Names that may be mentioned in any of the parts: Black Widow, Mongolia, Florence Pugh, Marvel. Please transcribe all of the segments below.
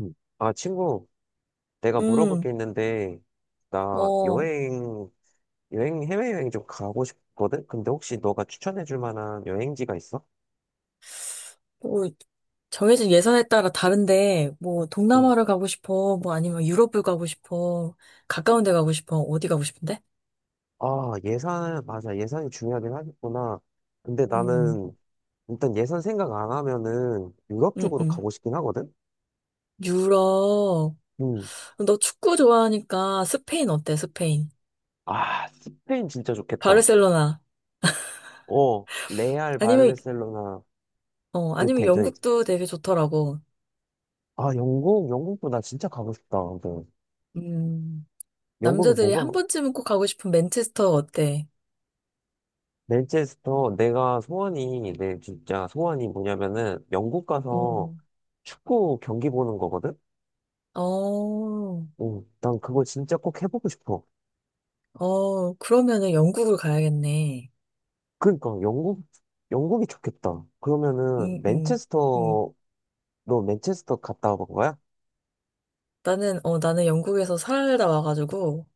음. 아, 친구, 내가 물어볼 음, 게 있는데, 나 어, 여행, 해외여행 좀 가고 싶거든? 근데 혹시 너가 추천해 줄 만한 여행지가 있어? 뭐, 정해진 예산에 따라 다른데, 뭐, 음. 동남아를 가고 싶어, 뭐, 아니면 유럽을 가고 싶어, 가까운 데 가고 싶어, 어디 가고 싶은데? 아, 예산, 맞아. 예산이 중요하긴 하겠구나. 근데 음, 나는 일단 예산 생각 안 하면은 유럽 음, 쪽으로 음. 가고 싶긴 하거든? 유럽. 음. 너 축구 좋아하니까 스페인 어때, 스페인? 아, 스페인 진짜 좋겠다. 바르셀로나. 어, 레알 아니면, 바르셀로나 어, 그 아니면 대전 있지. 영국도 되게 좋더라고. 아, 영국도 나 진짜 가고 싶다. 근데 음, 영국에 남자들이 한 뭐가, 번쯤은 꼭 가고 싶은 맨체스터 어때? 맨체스터, 내가 소원이, 내 진짜 소원이 뭐냐면은, 영국 가서 음, 축구 경기 보는 거거든? 어, 응, 난 그거 진짜 꼭 해보고 싶어. 그러면은 영국을 가야겠네. 그러니까, 영국, 영국이 좋겠다. 그러면은, 음, 음, 음. 맨체스터, 너 맨체스터 갔다 와본 거야? 나는 영국에서 살다 와가지고,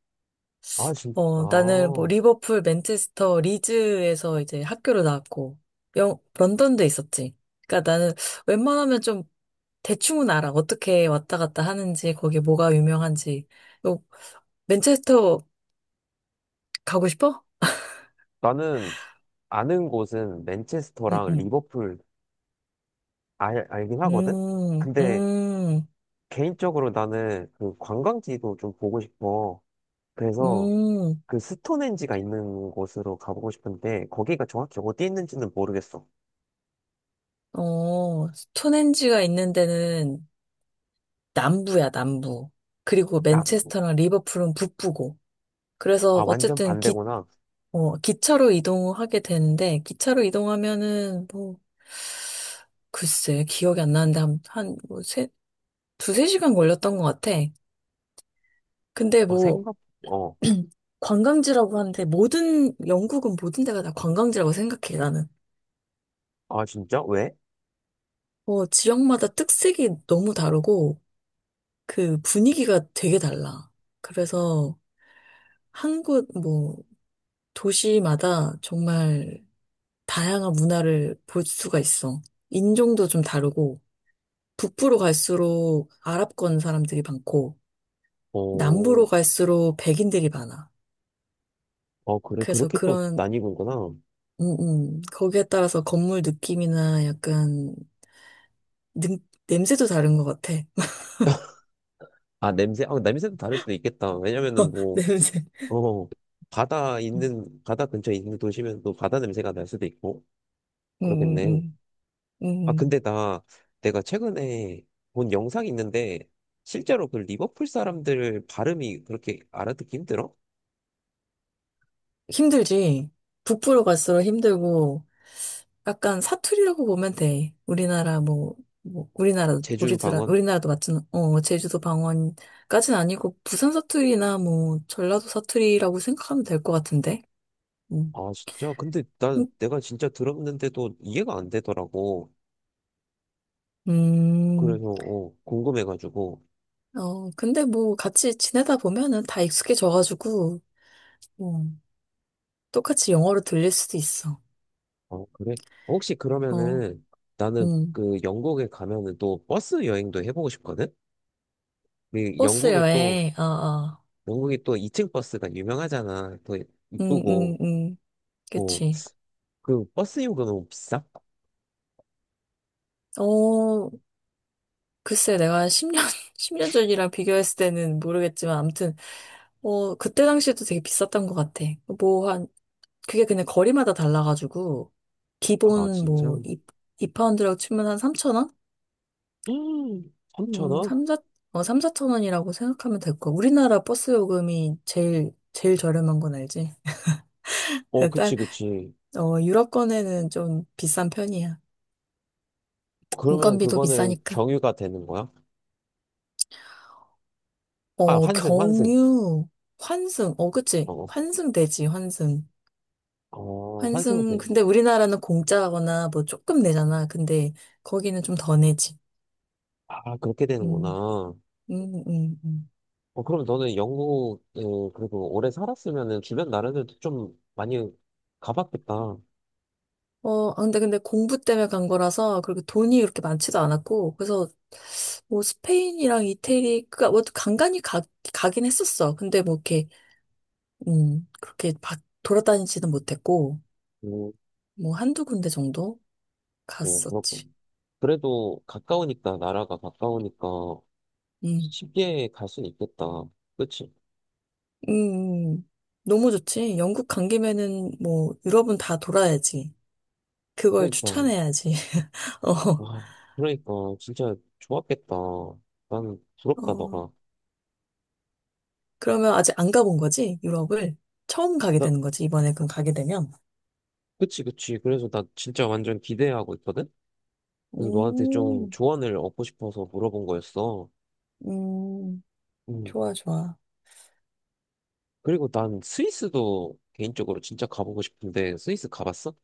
아, 진, 아. 나는 뭐, 리버풀, 맨체스터, 리즈에서 이제 학교를 나왔고, 런던도 있었지. 그러니까 나는 웬만하면 좀 대충은 알아. 어떻게 왔다 갔다 하는지, 거기 뭐가 유명한지. 요, 맨체스터 가고 싶어? 나는 아는 곳은 맨체스터랑 응응. 리버풀 알, 알긴 하거든? 근데, 음, 개인적으로 나는 그 관광지도 좀 보고 싶어. 그래서, 음, 음. 그 스톤헨지가 있는 곳으로 가보고 싶은데 거기가 정확히 어디 있는지는 모르겠어. 스톤헨지가 있는 데는 남부야, 남부. 그리고 나, 맨체스터랑 리버풀은 북부고. 그래서 아 완전 어쨌든 기, 반대구나. 어, 기차로 이동하게 되는데, 기차로 이동하면은 뭐, 글쎄, 기억이 안 나는데 한, 뭐, 두세 시간 걸렸던 것 같아. 근데 어 뭐, 생각, 어, 관광지라고 하는데 영국은 모든 데가 다 관광지라고 생각해, 나는. 아 진짜? 왜? 뭐, 지역마다 특색이 너무 다르고, 그 분위기가 되게 달라. 그래서 뭐, 도시마다 정말 다양한 문화를 볼 수가 있어. 인종도 좀 다르고, 북부로 갈수록 아랍권 사람들이 많고, 남부로 어, 갈수록 백인들이 많아. 어 그래 그래서 그렇게 또 그런, 나뉘는구나. 음, 거기에 따라서 건물 느낌이나 약간, 능, 냄새도 다른 것 같아. 아 냄새, 아 냄새도 다를 수도 있겠다. 왜냐면은 뭐, 냄새. 어 바다 있는 바다 근처에 있는 도시면 또 바다 냄새가 날 수도 있고 음, 그렇겠네. 음, 아 음. 근데 나 내가 최근에 본 영상이 있는데 실제로 그 리버풀 사람들 발음이 그렇게 알아듣기 힘들어? 힘들지. 북부로 갈수록 힘들고, 약간 사투리라고 보면 돼. 우리나라 뭐, 우리나라 제주 우리들 방언? 우리나라도 마찬 어 제주도 방언까지는 아니고 부산 사투리나 뭐 전라도 사투리라고 생각하면 될 것 같은데. 음. 아, 진짜? 근데 난 내가 진짜 들었는데도 이해가 안 되더라고. 음. 그래서, 어, 궁금해가지고. 근데 뭐 같이 지내다 보면은 다 익숙해져가지고 뭐 똑같이 영어로 들릴 수도 있어. 어, 그래? 혹시 어. 그러면은 나는 음. 그 영국에 가면은 또 버스 여행도 해보고 싶거든? 그 버스 영국에 또, 여행. 어 어. 영국이 또 2층 버스가 유명하잖아. 또 음 음, 이쁘고. 음. 뭐, 그치. 그 버스 요금은 비싸? 어, 글쎄, 내가 한 10년, 10년 전이랑 비교했을 때는 모르겠지만, 아무튼, 그때 당시에도 되게 비쌌던 것 같아. 뭐, 한, 그게 그냥 거리마다 달라가지고, 아, 기본 진짜? 뭐, 2, 이파운드라고 치면 한 3,000원? 3천 원 3, 4, 3, 4원이라고 생각하면 될 거야. 우리나라 버스 요금이 제일 저렴한 건 알지? 어, 딸, 그치, 그치. 유럽권에는 좀 비싼 편이야. 그러면 인건비도 그거는 비싸니까. 경유가 되는 거야? 아, 환승. 경유, 환승, 어, 그치? 어, 환승되지, 환승. 어, 환승은 돼. 환승, 근데 우리나라는 공짜거나 뭐 조금 내잖아. 근데 거기는 좀 더 내지. 아, 그렇게 음, 되는구나. 음, 음, 음. 어, 그럼 너는 영국, 어, 그리고 오래 살았으면은 주변 나라들도 좀 많이 가봤겠다. 근데 공부 때문에 간 거라서 그렇게 돈이 그렇게 많지도 않았고, 그래서 뭐 스페인이랑 이태리, 그니까 뭐 간간히 가긴 했었어. 근데 뭐 이렇게, 음, 그렇게 바, 돌아다니지는 못했고, 음, 뭐 한두 군데 정도 어, 갔었지. 그렇군. 그래도 가까우니까, 나라가 가까우니까 음, 쉽게 갈 수는 있겠다. 그치? 음, 음. 너무 좋지. 영국 간 김에는 뭐 유럽은 다 돌아야지. 그걸 그러니까, 추천해야지. 아, 어, 그러니까, 진짜 좋았겠다. 난 부럽다, 어, 너가. 그러면 아직 안 가본 거지? 유럽을? 처음 가게 나, 되는 거지, 이번에 그럼 가게 되면? 그치, 그치. 그래서 나 진짜 완전 기대하고 있거든? 그래서 너한테 좀 음, 조언을 얻고 싶어서 물어본 거였어. 음, 음. 좋아, 좋아. 그리고 난 스위스도 개인적으로 진짜 가보고 싶은데 스위스 가봤어?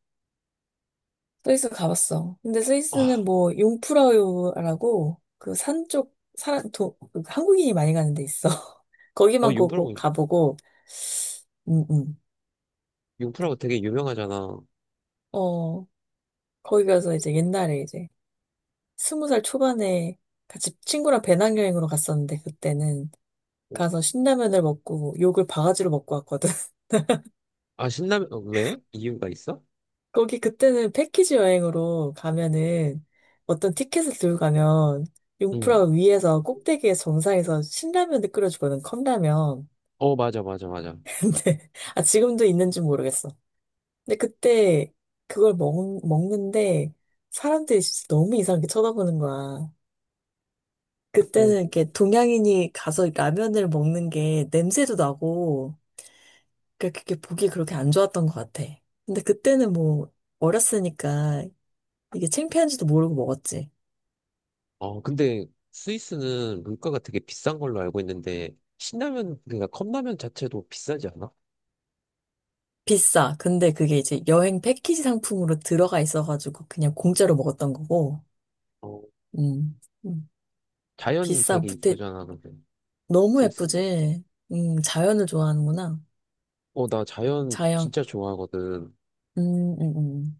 스위스 가봤어. 근데 스위스는 아, 뭐, 융프라우라고, 그 산 쪽, 그 한국인이 많이 가는 데 있어. 아 거기만 꼭 융프라고 가보고, 음, 음. 융프라고 되게 유명하잖아. 어, 어, 거기 가서 이제 옛날에 이제, 20살 초반에 같이 친구랑 배낭여행으로 갔었는데, 그때는 가서 신라면을 먹고, 욕을 바가지로 먹고 왔거든. 아 신라면 어, 왜? 이유가 있어? 거기 그때는 패키지 여행으로 가면은 어떤 티켓을 들고 가면 응. 융프라가 위에서 꼭대기에 정상에서 신라면을 끓여주거든, 컵라면. 어 맞아 맞아 맞아. 근데, 아, 지금도 있는지 모르겠어. 근데 그때 그걸 먹는데 사람들이 진짜 너무 이상하게 쳐다보는 거야. 어, 그때는 이렇게 동양인이 가서 라면을 먹는 게 냄새도 나고, 그러니까 그게 보기 그렇게 안 좋았던 것 같아. 근데 그때는 뭐 어렸으니까 이게 창피한지도 모르고 먹었지. 아 근데 스위스는 물가가 되게 비싼 걸로 알고 있는데 신라면 그러니까 컵라면 자체도 비싸지 않아? 비싸. 근데 그게 이제 여행 패키지 상품으로 들어가 있어가지고 그냥 공짜로 먹었던 거고. 어 음. 음. 자연 비싸. 되게 근데 이쁘잖아 근데 너무 스위스. 예쁘지. 자연을 좋아하는구나. 어나 자연 자연. 진짜 좋아하거든. 음, 음, 음.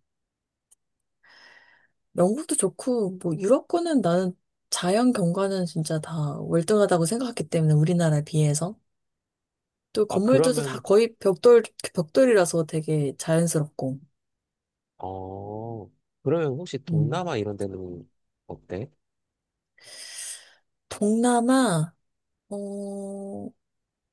영국도 좋고 뭐 유럽 거는 나는 자연 경관은 진짜 다 월등하다고 생각했기 때문에 우리나라에 비해서 또 아 건물들도 다 그러면 거의 벽돌이라서 되게 자연스럽고. 어 그러면 혹시 음. 동남아 이런 데는 어때? 동남아 어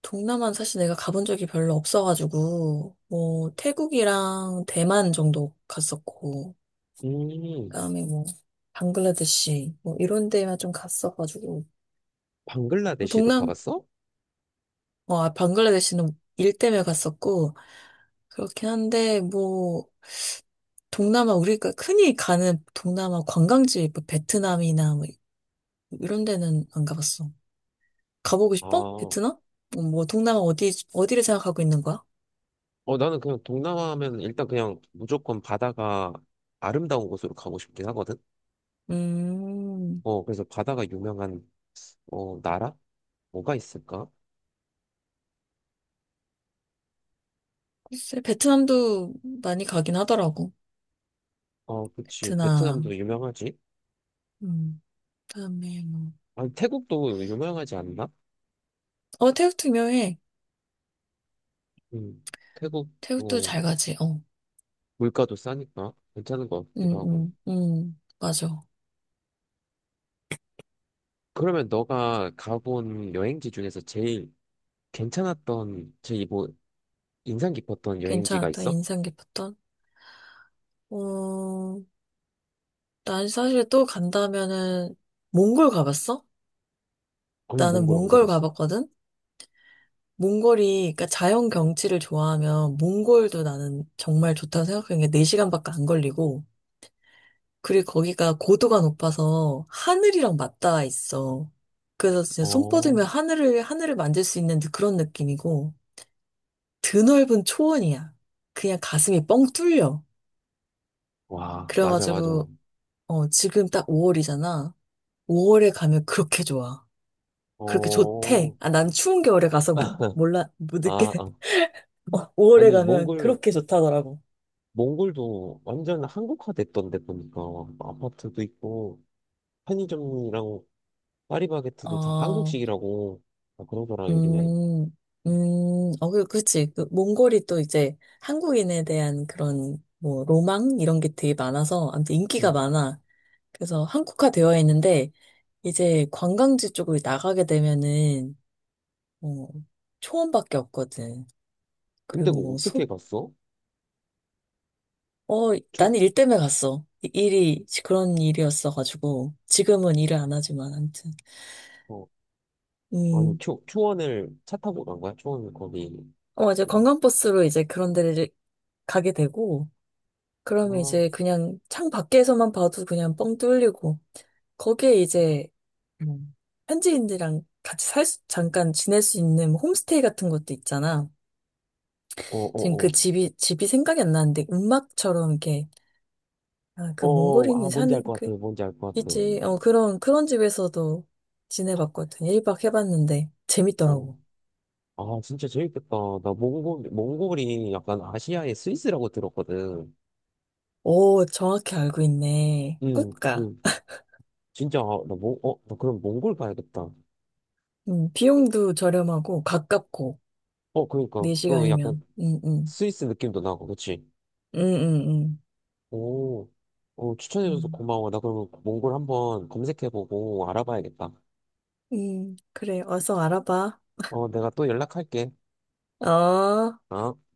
동남아는 사실 내가 가본 적이 별로 없어가지고, 뭐, 태국이랑 대만 정도 갔었고, 음, 그다음에 뭐, 방글라데시, 뭐, 이런 데만 좀 갔어가지고, 뭐 방글라데시도 동남, 가봤어? 방글라데시는 일 때문에 갔었고, 그렇긴 한데, 뭐, 동남아, 우리가 흔히 가는 동남아 관광지, 뭐, 베트남이나 뭐, 이런 데는 안 가봤어. 가보고 아, 싶어? 어, 베트남? 뭐, 동남아 어디를 생각하고 있는 거야? 나는 그냥 동남아 하면 일단 그냥 무조건 바다가 아름다운 곳으로 가고 싶긴 하거든? 음. 어, 그래서 바다가 유명한, 어, 나라? 뭐가 있을까? 글쎄, 베트남도 많이 가긴 하더라고. 어, 그치. 베트남도 베트남. 유명하지? 음, 그다음에 뭐. 아니, 태국도 유명하지 않나? 태국도 유명해. 음, 태국, 태국도 어, 잘 가지. 어. 물가도 싸니까 괜찮은 것 같기도 하고. 맞아. 그러면 너가 가본 여행지 중에서 제일 괜찮았던, 제일 뭐, 인상 깊었던 여행지가 괜찮았다. 있어? 인상 깊었던. 어, 난 사실 또 간다면은 몽골 가봤어? 아니, 나는 몽골 안 몽골 가봤어. 가봤거든. 몽골이 그러니까 자연 경치를 좋아하면 몽골도 나는 정말 좋다고 생각하는 게 4시간밖에 안 걸리고 그리고 거기가 고도가 높아서 하늘이랑 맞닿아 있어. 그래서 진짜 손 어, 뻗으면 하늘을 만질 수 있는 그런 느낌이고, 드넓은 초원이야. 그냥 가슴이 뻥 뚫려. 와, 맞아, 맞아. 그래가지고, 지금 딱 5월이잖아. 5월에 가면 그렇게 좋아. 그렇게 어, 좋대. 아, 난 추운 겨울에 가서 뭐, 몰라, 못 느끼, 아, 아. 5월에 아니, 가면 몽골, 그렇게 좋다더라고. 몽골도 완전 한국화 됐던데 보니까. 아파트도 있고, 편의점이랑 파리바게트도 다 어, 한국식이라고. 아, 그러더라, 요즘에. 음, 그치. 몽골이 또 이제 한국인에 대한 그런, 뭐, 로망? 이런 게 되게 많아서, 아무튼 인기가 음. 많아. 그래서 한국화 되어 있는데, 이제 관광지 쪽으로 나가게 되면은, 뭐, 초원밖에 없거든. 근데 그리고 그거 뭐, 어떻게 소, 갔어? 나는 초, 일 때문에 갔어. 일이, 그런 일이었어가지고, 지금은 일을 안 하지만, 아무튼. 어, 아니, 음, 초원을 차 타고 간 거야? 초원 거기. 이제 음. 관광버스로 이제 그런 데를 가게 되고, 아, 그러면 어, 이제 그냥 창 밖에서만 봐도 그냥 뻥 뚫리고, 거기에 이제, 음, 현지인들이랑 같이 잠깐 지낼 수 있는 뭐 홈스테이 같은 것도 있잖아. 어, 지금 그 어. 집이 생각이 안 나는데, 음악처럼 이렇게, 아, 그 어, 어, 아, 몽골인이 뭔지 알 사는, 것 그, 같아, 뭔지 알 것 같아. 있지. 그런 집에서도 지내봤거든. 1박 해봤는데, 어. 재밌더라고. 아, 진짜 재밌겠다. 나 몽골, 몽골이 약간 아시아의 스위스라고 들었거든. 오, 정확히 알고 있네. 꼭 가. 그, 진짜, 아, 나 몽, 어, 나 그럼 몽골 가야겠다. 비용도 저렴하고, 가깝고, 어, 그러니까, 또 약간 4시간이면. 스위스 느낌도 나고, 그치? 응, 응, 응. 응. 오, 어, 추천해줘서 음. 고마워. 나 그럼 몽골 한번 검색해보고 알아봐야겠다. 그래, 어서 알아봐. 어, 내가 또 연락할게. 어. 어?